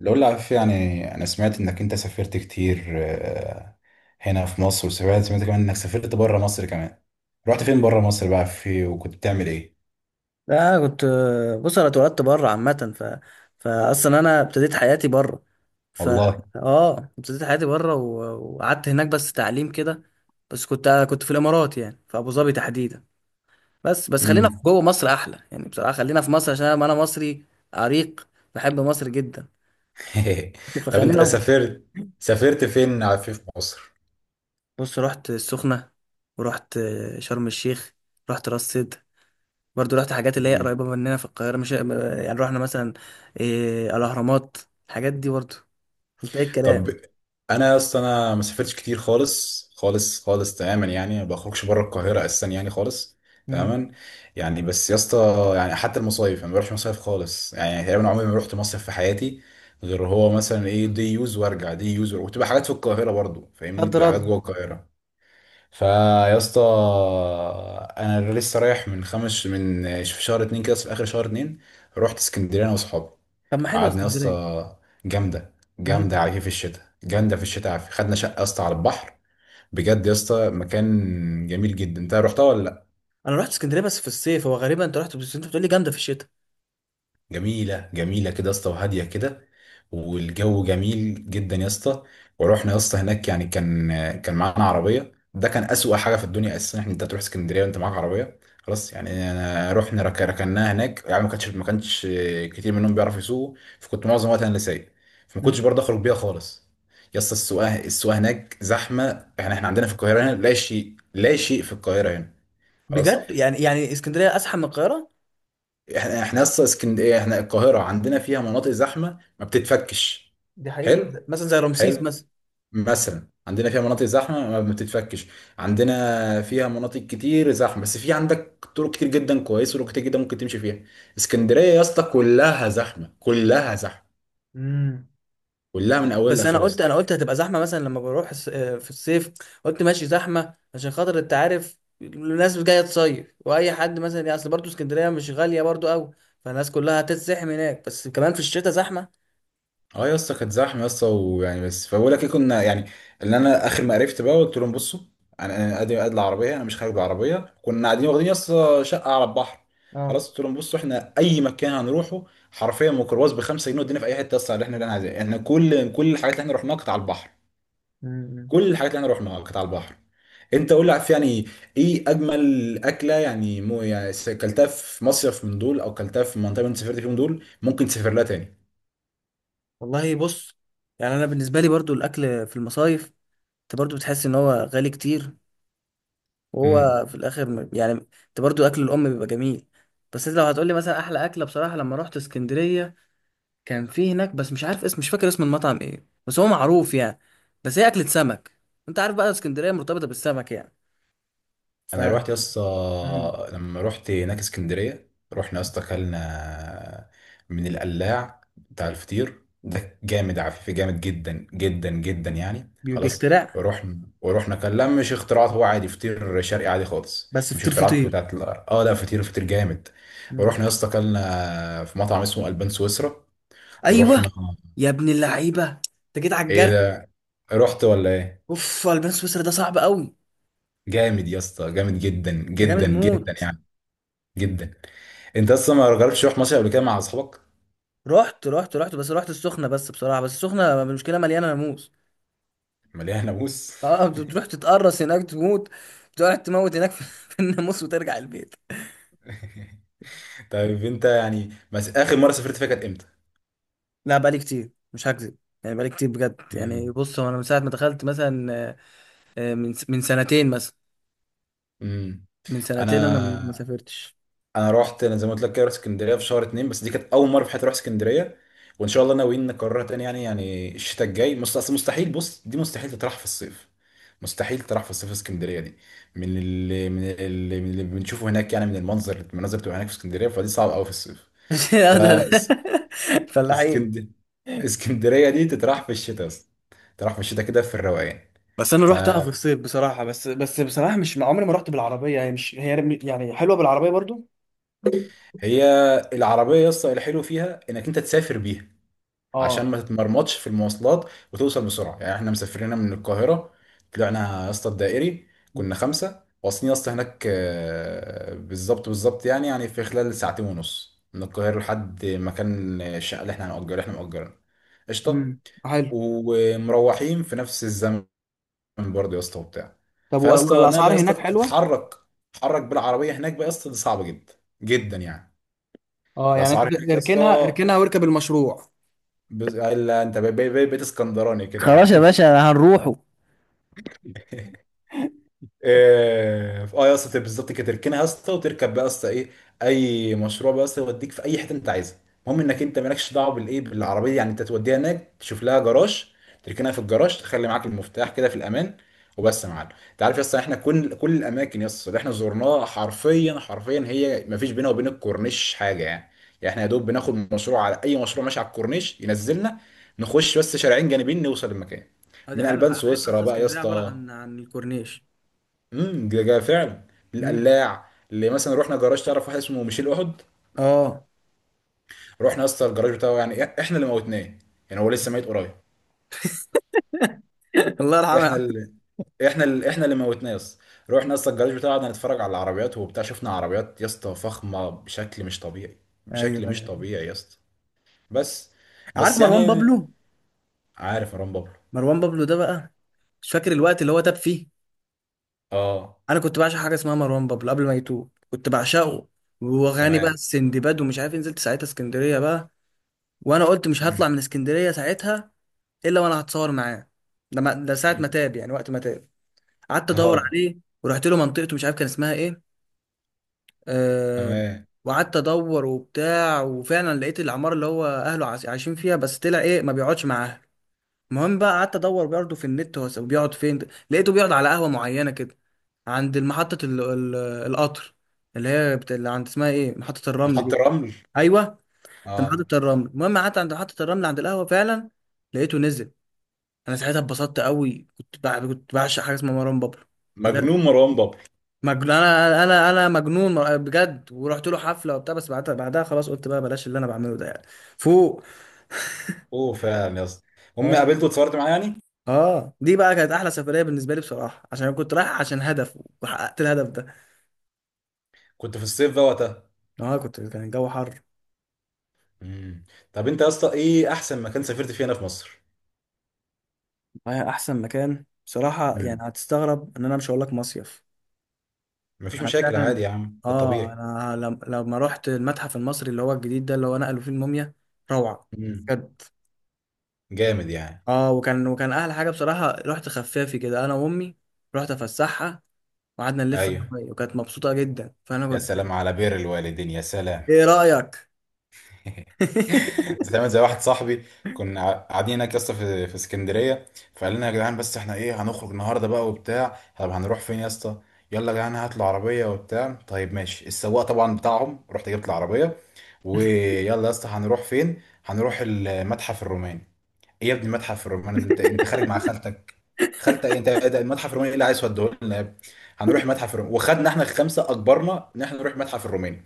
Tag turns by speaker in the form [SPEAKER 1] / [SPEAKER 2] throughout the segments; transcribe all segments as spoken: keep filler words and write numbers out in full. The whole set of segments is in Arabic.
[SPEAKER 1] لو عارف يعني انا سمعت انك انت سافرت كتير، آه، هنا في مصر. وسمعت سمعت كمان انك سافرت بره مصر كمان. رحت فين بره مصر بقى؟ في وكنت بتعمل ايه؟
[SPEAKER 2] لا، أنا كنت. بص، انا اتولدت بره عامه. ف فاصلا انا ابتديت حياتي بره. ف
[SPEAKER 1] والله.
[SPEAKER 2] اه ابتديت حياتي بره و- وقعدت هناك بس تعليم كده. بس كنت كنت في الامارات، يعني في ابو ظبي تحديدا. بس بس خلينا في
[SPEAKER 1] امم.
[SPEAKER 2] جوه مصر احلى يعني، بصراحه خلينا في مصر عشان انا أنا مصري عريق، بحب مصر جدا.
[SPEAKER 1] طب انت
[SPEAKER 2] فخلينا في-
[SPEAKER 1] سافرت، سافرت فين في في
[SPEAKER 2] بص، رحت السخنه، ورحت شرم الشيخ، رحت راس سدر. برضو رحت حاجات اللي هي
[SPEAKER 1] مصر؟
[SPEAKER 2] قريبة مننا في القاهرة، مش يعني. رحنا مثلا إيه، الأهرامات، الحاجات دي برضو. انت ايه
[SPEAKER 1] طب
[SPEAKER 2] الكلام؟
[SPEAKER 1] انا اصلا، انا ما سافرتش كتير خالص خالص خالص، تماما يعني. ما بخرجش بره القاهره اساسا، يعني خالص،
[SPEAKER 2] مم.
[SPEAKER 1] تماما. يعني بس يا اسطى، يعني حتى المصايف انا ما بروحش مصايف خالص، يعني تقريبا عمري ما رحت مصيف في حياتي. غير هو مثلا ايه، دي يوز وارجع، دي يوز وارجع. وتبقى حاجات في القاهره برضو، فاهمني،
[SPEAKER 2] رد
[SPEAKER 1] تبقى حاجات
[SPEAKER 2] رد.
[SPEAKER 1] جوه القاهره. فيا اسطى، انا لسه رايح من خمس من في شهر اتنين كده، في اخر شهر اتنين رحت اسكندريه انا واصحابي.
[SPEAKER 2] طب ما حلوة
[SPEAKER 1] قعدنا يا
[SPEAKER 2] اسكندرية.
[SPEAKER 1] اسطى، جامده جامده
[SPEAKER 2] مم.
[SPEAKER 1] على كيف. الشتاء جامده في الشتاء، عافية. خدنا شقه يا اسطى على البحر. بجد يا اسطى، مكان جميل جدا. انت رحتها ولا؟
[SPEAKER 2] أنا رحت اسكندرية بس في الصيف. هو غريبة، أنت رحت بس أنت بتقولي جامدة في الشتاء.
[SPEAKER 1] جميلة جميلة كده يا اسطى، وهادية كده، والجو جميل جدا يا اسطى. ورحنا يا اسطى هناك يعني، كان كان معانا عربية، ده كان أسوأ حاجة في الدنيا أساسا، إن أنت تروح اسكندرية وأنت معاك عربية. خلاص يعني، أنا رحنا رك- ركناها هناك، يعني ما كانش ما كانش كتير منهم بيعرفوا يسوقوا، فكنت معظم وقتي أنا اللي سايق، فما
[SPEAKER 2] مم.
[SPEAKER 1] كنتش برضه أخرج بيها خالص. يا اسطى، السواقة السواقة هناك زحمة. يعني إحنا عندنا في القاهرة هنا لا شيء، لا شيء في القاهرة هنا. خلاص،
[SPEAKER 2] بجد؟ يعني يعني اسكندرية أزحم من القاهرة؟
[SPEAKER 1] احنا احنا اصلا اسكندريه، احنا القاهره عندنا فيها مناطق زحمه ما بتتفكش.
[SPEAKER 2] دي حقيقة،
[SPEAKER 1] حلو،
[SPEAKER 2] مثلا زي رمسيس
[SPEAKER 1] حلو.
[SPEAKER 2] مثلا.
[SPEAKER 1] مثلا عندنا فيها مناطق زحمه ما بتتفكش، عندنا فيها مناطق كتير زحمه، بس في عندك طرق كتير جدا كويسه، وطرق كتير جدا ممكن تمشي فيها. اسكندريه يا اسطى كلها زحمه، كلها زحمه،
[SPEAKER 2] مم.
[SPEAKER 1] كلها من اولها
[SPEAKER 2] بس انا
[SPEAKER 1] لاخرها يا
[SPEAKER 2] قلت،
[SPEAKER 1] اسطى.
[SPEAKER 2] انا قلت هتبقى زحمه مثلا لما بروح الس- آه، في الصيف. قلت ماشي زحمه عشان خاطر، انت عارف الناس جايه تصيف، واي حد مثلا يعني، اصل برضه اسكندريه مش غاليه برضه قوي، فالناس كلها هتتزحم هناك. بس كمان في الشتاء زحمه.
[SPEAKER 1] اه يا اسطى، كانت زحمه يا اسطى، ويعني بس، فبقول لك ايه، كنا يعني، اللي انا اخر ما عرفت بقى، قلت لهم بصوا، انا انا قادر قاد العربيه، انا مش خارج بالعربيه. كنا قاعدين، واخدين يا اسطى شقه على البحر.
[SPEAKER 2] اه.
[SPEAKER 1] خلاص قلت لهم بصوا، احنا اي مكان هنروحه حرفيا ميكروباص ب خمسة جنيه ودينا في اي حته يا اسطى اللي احنا اللي احنا عايزينها. احنا كل كل الحاجات اللي احنا رحناها كانت على البحر.
[SPEAKER 2] امم.
[SPEAKER 1] كل الحاجات اللي احنا رحناها كانت على البحر. انت قول لي، عارف يعني، ايه اجمل اكله، يعني مو يعني س- كلتها في مصيف من دول، او كلتها في منطقه من سافرت فيهم دول ممكن تسافر لها
[SPEAKER 2] والله بص، يعني انا بالنسبه لي برضه الاكل في المصايف انت برضه بتحس ان هو غالي كتير،
[SPEAKER 1] تاني؟
[SPEAKER 2] وهو في الاخر م- يعني انت برضه اكل الام بيبقى جميل. بس انت لو هتقولي مثلا احلى اكله، بصراحه لما رحت اسكندريه كان في هناك، بس مش عارف اسم، مش فاكر اسم المطعم ايه، بس هو معروف يعني. بس هي اكلة سمك، انت عارف بقى اسكندرية مرتبطة بالسمك يعني. ف
[SPEAKER 1] انا روحت يا
[SPEAKER 2] مم.
[SPEAKER 1] اسطى، لما روحت هناك اسكندريه، رحنا يا اسطى اكلنا من القلاع بتاع الفطير ده، جامد عفيف، جامد جدا جدا جدا يعني،
[SPEAKER 2] بي-
[SPEAKER 1] خلاص.
[SPEAKER 2] بيخترع.
[SPEAKER 1] ورحنا ورحنا كان، لا مش اختراعات، هو عادي فطير شرقي عادي خالص،
[SPEAKER 2] بس
[SPEAKER 1] مش
[SPEAKER 2] فطير
[SPEAKER 1] اختراعات
[SPEAKER 2] فطير
[SPEAKER 1] بتاعت ال- اه لا، فطير فطير جامد.
[SPEAKER 2] مم.
[SPEAKER 1] ورحنا يا اسطى اكلنا في مطعم اسمه البان سويسرا.
[SPEAKER 2] ايوه.
[SPEAKER 1] ورحنا،
[SPEAKER 2] يا ابن اللعيبة، انت جيت على
[SPEAKER 1] ايه
[SPEAKER 2] الجرح.
[SPEAKER 1] ده، رحت ولا ايه؟
[SPEAKER 2] اوف، البان سويسرا ده صعب قوي،
[SPEAKER 1] جامد يا اسطى، جامد جدا
[SPEAKER 2] ده جامد
[SPEAKER 1] جدا جدا
[SPEAKER 2] موت.
[SPEAKER 1] يعني، جدا. انت اصلا ما جربتش تروح مصيف قبل كده مع اصحابك؟
[SPEAKER 2] رحت رحت رحت بس رحت السخنة، بس بصراحة، بس السخنة المشكلة مليانة ناموس.
[SPEAKER 1] مليان ناموس.
[SPEAKER 2] اه، بتروح تتقرص هناك تموت، تقعد تموت هناك في في الناموس وترجع البيت.
[SPEAKER 1] طيب انت يعني، بس اخر مره سافرت فيها كانت امتى؟
[SPEAKER 2] لا، بقالي كتير مش هكذب، يعني بقالي كتير بجد. يعني
[SPEAKER 1] امم.
[SPEAKER 2] بص، هو انا من ساعه ما دخلت مثلا، آه، آه، من من سنتين مثلا.
[SPEAKER 1] امم.
[SPEAKER 2] من سنتين انا ما ما
[SPEAKER 1] انا
[SPEAKER 2] سافرتش.
[SPEAKER 1] انا رحت، انا زي ما قلت لك كده، رحت اسكندريه في شهر اتنين، بس دي كانت اول مره في حياتي اروح اسكندريه. وان شاء الله ناويين نكررها تاني، يعني يعني الشتاء الجاي. مست- اصل مستحيل، بص، دي مستحيل تطرح في الصيف، مستحيل تطرح في الصيف اسكندريه دي. من اللي من اللي, من اللي بنشوفه هناك، يعني من المنظر المناظر بتبقى هناك في اسكندريه، فدي صعبه قوي في الصيف. ف
[SPEAKER 2] آه، ده- ده- فلاحين.
[SPEAKER 1] اسكند... اسكندرية دي تتراح في الشتاء اصلا، تتراح في الشتاء كده في الروقان.
[SPEAKER 2] بس انا رحتها في
[SPEAKER 1] فهي
[SPEAKER 2] الصيف بصراحه، بس بس بصراحه مش عمري ما رحت بالعربيه، يعني مش هي يعني حلوه بالعربيه برضو.
[SPEAKER 1] العربية يسطا، الحلو فيها انك انت تسافر بيها عشان
[SPEAKER 2] اه.
[SPEAKER 1] ما تتمرمطش في المواصلات وتوصل بسرعة. يعني احنا مسافرين من القاهرة، طلعنا يا اسطى الدائري، كنا خمسة واصلين يا اسطى هناك آه، بالظبط بالظبط، يعني يعني في خلال ساعتين ونص من القاهرة لحد مكان الشقة اللي احنا هنأجرها، اللي احنا مأجرينها. قشطة.
[SPEAKER 2] امم. حلو.
[SPEAKER 1] ومروحين في نفس الزمن من برضه يا اسطى، وبتاع.
[SPEAKER 2] طب و-
[SPEAKER 1] فيا اسطى، انها بقى
[SPEAKER 2] والاسعار
[SPEAKER 1] يا اسطى
[SPEAKER 2] هناك حلوه؟
[SPEAKER 1] تتحرك، تتحرك بالعربيه هناك بقى يا اسطى، دي صعبه جدا جدا يعني.
[SPEAKER 2] اه يعني
[SPEAKER 1] الاسعار
[SPEAKER 2] انت
[SPEAKER 1] هناك يا اسطى.
[SPEAKER 2] اركنها، اركنها واركب المشروع.
[SPEAKER 1] بز... الا انت بقيت، بقيت اسكندراني كده
[SPEAKER 2] خلاص
[SPEAKER 1] يعني؟
[SPEAKER 2] يا باشا هنروحه.
[SPEAKER 1] اه، آه يا اسطى، تبقى بالظبط كده، تركنها يا اسطى وتركب بقى يا اسطى ايه، اي مشروع بقى يا اسطى يوديك في اي حته انت عايزها. المهم انك انت مالكش دعوه بالايه بالعربيه، يعني انت توديها هناك، تشوف لها جراج، تركنها في الجراج، تخلي معاك المفتاح كده في الامان، وبس يا معلم. انت عارف يا اسطى، احنا كل كل الاماكن يا اسطى اللي احنا زرناها، حرفيا حرفيا هي ما فيش بينها وبين الكورنيش حاجه يعني. يعني احنا يا دوب بناخد مشروع على اي مشروع ماشي على الكورنيش ينزلنا، نخش بس شارعين جانبين نوصل المكان.
[SPEAKER 2] اه دي
[SPEAKER 1] من
[SPEAKER 2] حقيقة،
[SPEAKER 1] البان
[SPEAKER 2] انا بحس
[SPEAKER 1] سويسرا
[SPEAKER 2] اصلا
[SPEAKER 1] بقى يا
[SPEAKER 2] اسكندريه عباره
[SPEAKER 1] اسطى.
[SPEAKER 2] عن عن الكورنيش.
[SPEAKER 1] امم ده جا فعلا.
[SPEAKER 2] امم.
[SPEAKER 1] القلاع اللي مثلا رحنا، جراج، تعرف واحد اسمه ميشيل احد؟
[SPEAKER 2] اه.
[SPEAKER 1] رحنا يا اسطى الجراج بتاعه، يعني إح- احنا اللي موتناه، يعني هو لسه ميت قريب.
[SPEAKER 2] الله
[SPEAKER 1] احنا
[SPEAKER 2] يرحمه.
[SPEAKER 1] اللي احنا اللي احنا اللي موتناه يا اسطى. رحنا يا اسطى الجراج بتاعه، قعدنا نتفرج على العربيات وبتاع، شفنا عربيات يا اسطى فخمه بشكل مش طبيعي،
[SPEAKER 2] ايوه
[SPEAKER 1] بشكل مش
[SPEAKER 2] ايوه.
[SPEAKER 1] طبيعي يا اسطى. بس
[SPEAKER 2] عارف
[SPEAKER 1] بس
[SPEAKER 2] مروان
[SPEAKER 1] يعني
[SPEAKER 2] بابلو؟
[SPEAKER 1] عارف مروان بابلو؟
[SPEAKER 2] مروان بابلو ده بقى، مش فاكر الوقت اللي هو تاب فيه.
[SPEAKER 1] اه.
[SPEAKER 2] انا كنت بعشق حاجه اسمها مروان بابلو، قبل ما يتوب كنت بعشقه، واغاني بقى
[SPEAKER 1] تمام.
[SPEAKER 2] السندباد ومش عارف إيه. نزلت ساعتها اسكندريه بقى. وانا قلت مش
[SPEAKER 1] مم.
[SPEAKER 2] هطلع من اسكندريه ساعتها الا وانا هتصور معاه. ده ما- ده ساعه ما تاب يعني، وقت ما تاب. قعدت ادور
[SPEAKER 1] اه.
[SPEAKER 2] عليه ورحت له منطقته، مش عارف كان اسمها ايه. أه.
[SPEAKER 1] تمام.
[SPEAKER 2] وقعدت ادور وبتاع، وفعلا لقيت العماره اللي هو اهله عايشين فيها، بس طلع ايه، ما بيقعدش معاها. المهم بقى، قعدت ادور برضه في النت هو بيقعد فين، لقيته بيقعد على قهوه معينه كده عند محطه ال... ال... القطر، اللي هي بت... اللي عند، اسمها ايه، محطه الرمل دي.
[SPEAKER 1] محط الرمل.
[SPEAKER 2] ايوه، ده
[SPEAKER 1] اه،
[SPEAKER 2] محطه الرمل. المهم قعدت عند محطه الرمل عند القهوه، فعلا لقيته نزل. انا ساعتها اتبسطت قوي، كنت بع... كنت بعشق حاجه اسمها مروان بابلو، بجد
[SPEAKER 1] مجنون مروان بابلو.
[SPEAKER 2] مجنون. انا انا انا مجنون مر- بجد. ورحت له حفله وبتاع. بس بعدها، بعدها خلاص قلت بقى بلاش اللي انا بعمله ده يعني، فوق.
[SPEAKER 1] اوه، فعلا يا اسطى، امي قابلته واتصورت معاه يعني.
[SPEAKER 2] اه دي بقى كانت احلى سفريه بالنسبه لي بصراحه، عشان انا كنت رايح عشان هدف وحققت الهدف ده.
[SPEAKER 1] كنت في الصيف بقى وقتها؟
[SPEAKER 2] اه كنت، كان الجو حر.
[SPEAKER 1] امم. طب انت يا اسطى، ايه احسن مكان سافرت فيه هنا في مصر؟
[SPEAKER 2] رايح احسن مكان بصراحه يعني،
[SPEAKER 1] امم.
[SPEAKER 2] هتستغرب ان انا مش هقول لك مصيف.
[SPEAKER 1] مفيش
[SPEAKER 2] انا
[SPEAKER 1] مشاكل
[SPEAKER 2] فعلا،
[SPEAKER 1] عادي يا عم، ده
[SPEAKER 2] اه
[SPEAKER 1] الطبيعي.
[SPEAKER 2] انا لم... لما رحت المتحف المصري اللي هو الجديد ده، اللي هو نقلوا فيه الموميا، روعه
[SPEAKER 1] امم.
[SPEAKER 2] بجد.
[SPEAKER 1] جامد يعني.
[SPEAKER 2] اه، وكان وكان احلى حاجه بصراحه، رحت خفافي كده انا وامي، رحت افسحها، وقعدنا نلف أنا
[SPEAKER 1] ايوه.
[SPEAKER 2] وهي، وكانت مبسوطه جدا فانا
[SPEAKER 1] يا
[SPEAKER 2] كنت.
[SPEAKER 1] سلام على بر الوالدين، يا سلام.
[SPEAKER 2] ايه رايك؟
[SPEAKER 1] بتعمل زي واحد صاحبي، كنا قاعدين هناك يا اسطى في في اسكندريه، فقال لنا: يا جدعان، بس احنا ايه هنخرج النهارده بقى وبتاع، طب هنروح فين يا اسطى؟ يلا يا جدعان، هات العربيه وبتاع. طيب ماشي، السواق طبعا بتاعهم رحت جبت العربيه. ويلا يا اسطى هنروح فين؟ هنروح المتحف الروماني. ايه يا ابني المتحف الروماني ده، انت انت خارج مع خالتك؟ خالتك ايه انت، ده المتحف الروماني اللي عايز توديه لنا يا ابني؟ هنروح المتحف الروماني. وخدنا احنا الخمسه، اجبرنا ان احنا نروح المتحف الروماني.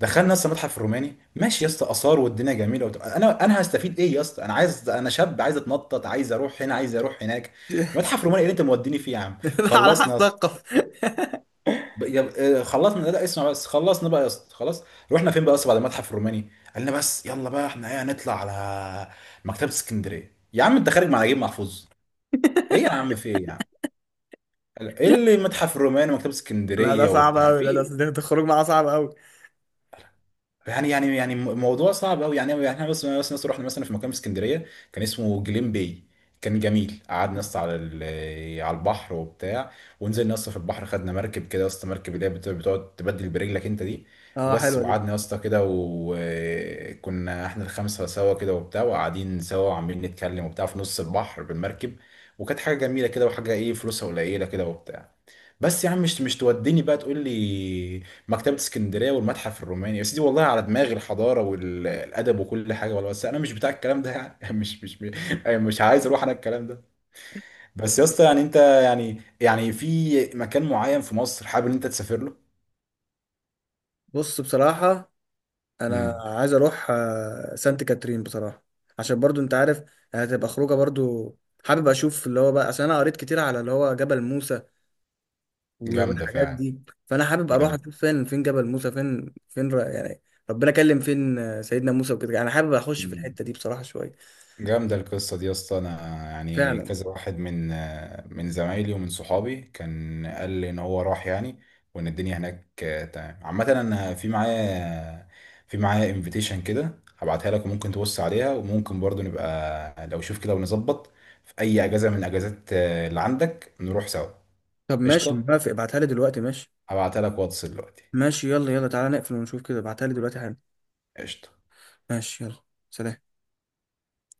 [SPEAKER 1] دخلنا لسه متحف الروماني، ماشي يا اسطى، اثار والدنيا جميله وبتاع. انا انا هستفيد ايه يا اسطى، انا عايز، انا شاب عايز اتنطط، عايز اروح هنا عايز اروح هناك. متحف روماني ايه اللي انت موديني فيه يا عم،
[SPEAKER 2] لا على
[SPEAKER 1] خلصنا يا
[SPEAKER 2] حسب
[SPEAKER 1] اسطى.
[SPEAKER 2] الثقافة.
[SPEAKER 1] ب- يا- آه، خلصنا، لا لا، اسمع بس، خلصنا بقى يا اسطى، خلاص. رحنا فين بقى يا اسطى بعد المتحف الروماني؟ قال لنا: بس يلا بقى احنا ايه هنطلع على مكتبه اسكندريه. يا عم انت خارج مع نجيب محفوظ؟ ايه يا عم، في ايه يا عم؟ قال- ايه اللي متحف الروماني ومكتبه
[SPEAKER 2] لا ده
[SPEAKER 1] اسكندريه
[SPEAKER 2] صعب
[SPEAKER 1] وبتاع
[SPEAKER 2] قوي،
[SPEAKER 1] في
[SPEAKER 2] ده ده
[SPEAKER 1] إيه؟
[SPEAKER 2] ده الخروج معاه صعب قوي.
[SPEAKER 1] يعني يعني يعني م- موضوع صعب قوي، يعني يعني احنا بس بس ناس رحنا مثلا في مكان في اسكندريه كان اسمه جليم باي، كان جميل. قعدنا نص على ال- على البحر وبتاع، ونزلنا نص في البحر، خدنا مركب كده يا اسطى، مركب اللي هي بت- بتقعد تبدل برجلك انت دي.
[SPEAKER 2] اه
[SPEAKER 1] وبس.
[SPEAKER 2] حلوه دي.
[SPEAKER 1] وقعدنا يا اسطى كده، وكنا احنا الخمسه سوا كده وبتاع، وقاعدين سوا وعمالين نتكلم وبتاع في نص البحر بالمركب، وكانت حاجه جميله كده، وحاجه ايه، فلوسها قليله كده وبتاع. بس يا عم، مش مش توديني بقى تقول لي مكتبة اسكندرية والمتحف الروماني يا سيدي، والله على دماغي الحضارة والأدب وكل حاجة، والله، بس أنا مش بتاع الكلام ده يعني. مش مش مش عايز أروح أنا الكلام ده. بس يا اسطى، يعني أنت، يعني يعني في مكان معين في مصر حابب إن أنت تسافر له؟
[SPEAKER 2] بص بصراحه انا
[SPEAKER 1] امم.
[SPEAKER 2] عايز اروح آه، سانت كاترين بصراحه، عشان برضو انت عارف هتبقى خروجه برضو. حابب اشوف اللي هو بقى، عشان انا قريت كتير على اللي هو جبل موسى و-
[SPEAKER 1] جامدة
[SPEAKER 2] والحاجات
[SPEAKER 1] فعلا.
[SPEAKER 2] دي. فانا حابب اروح اشوف فين فين جبل موسى، فين فين ر- يعني ربنا كلم فين آه، سيدنا موسى وكده، انا حابب اخش في
[SPEAKER 1] جامدة
[SPEAKER 2] الحته دي بصراحه شويه.
[SPEAKER 1] جامدة القصة دي يا اسطى. أنا يعني
[SPEAKER 2] فعلا.
[SPEAKER 1] كذا واحد من من زمايلي ومن صحابي كان قال لي إن هو راح، يعني وإن الدنيا هناك تمام عامة. أنا في معايا في معايا انفيتيشن كده، هبعتها لك وممكن تبص عليها، وممكن برضو نبقى لو شوف كده ونظبط في أي أجازة من الأجازات اللي عندك نروح سوا.
[SPEAKER 2] طب ماشي،
[SPEAKER 1] قشطة،
[SPEAKER 2] موافق، ابعتها لي دلوقتي ماشي.
[SPEAKER 1] هبعتها لك واتس دلوقتي.
[SPEAKER 2] ماشي، يلا يلا، تعالى نقفل ونشوف كده، ابعتها لي دلوقتي حالا.
[SPEAKER 1] قشطة.
[SPEAKER 2] ماشي، يلا. سلام.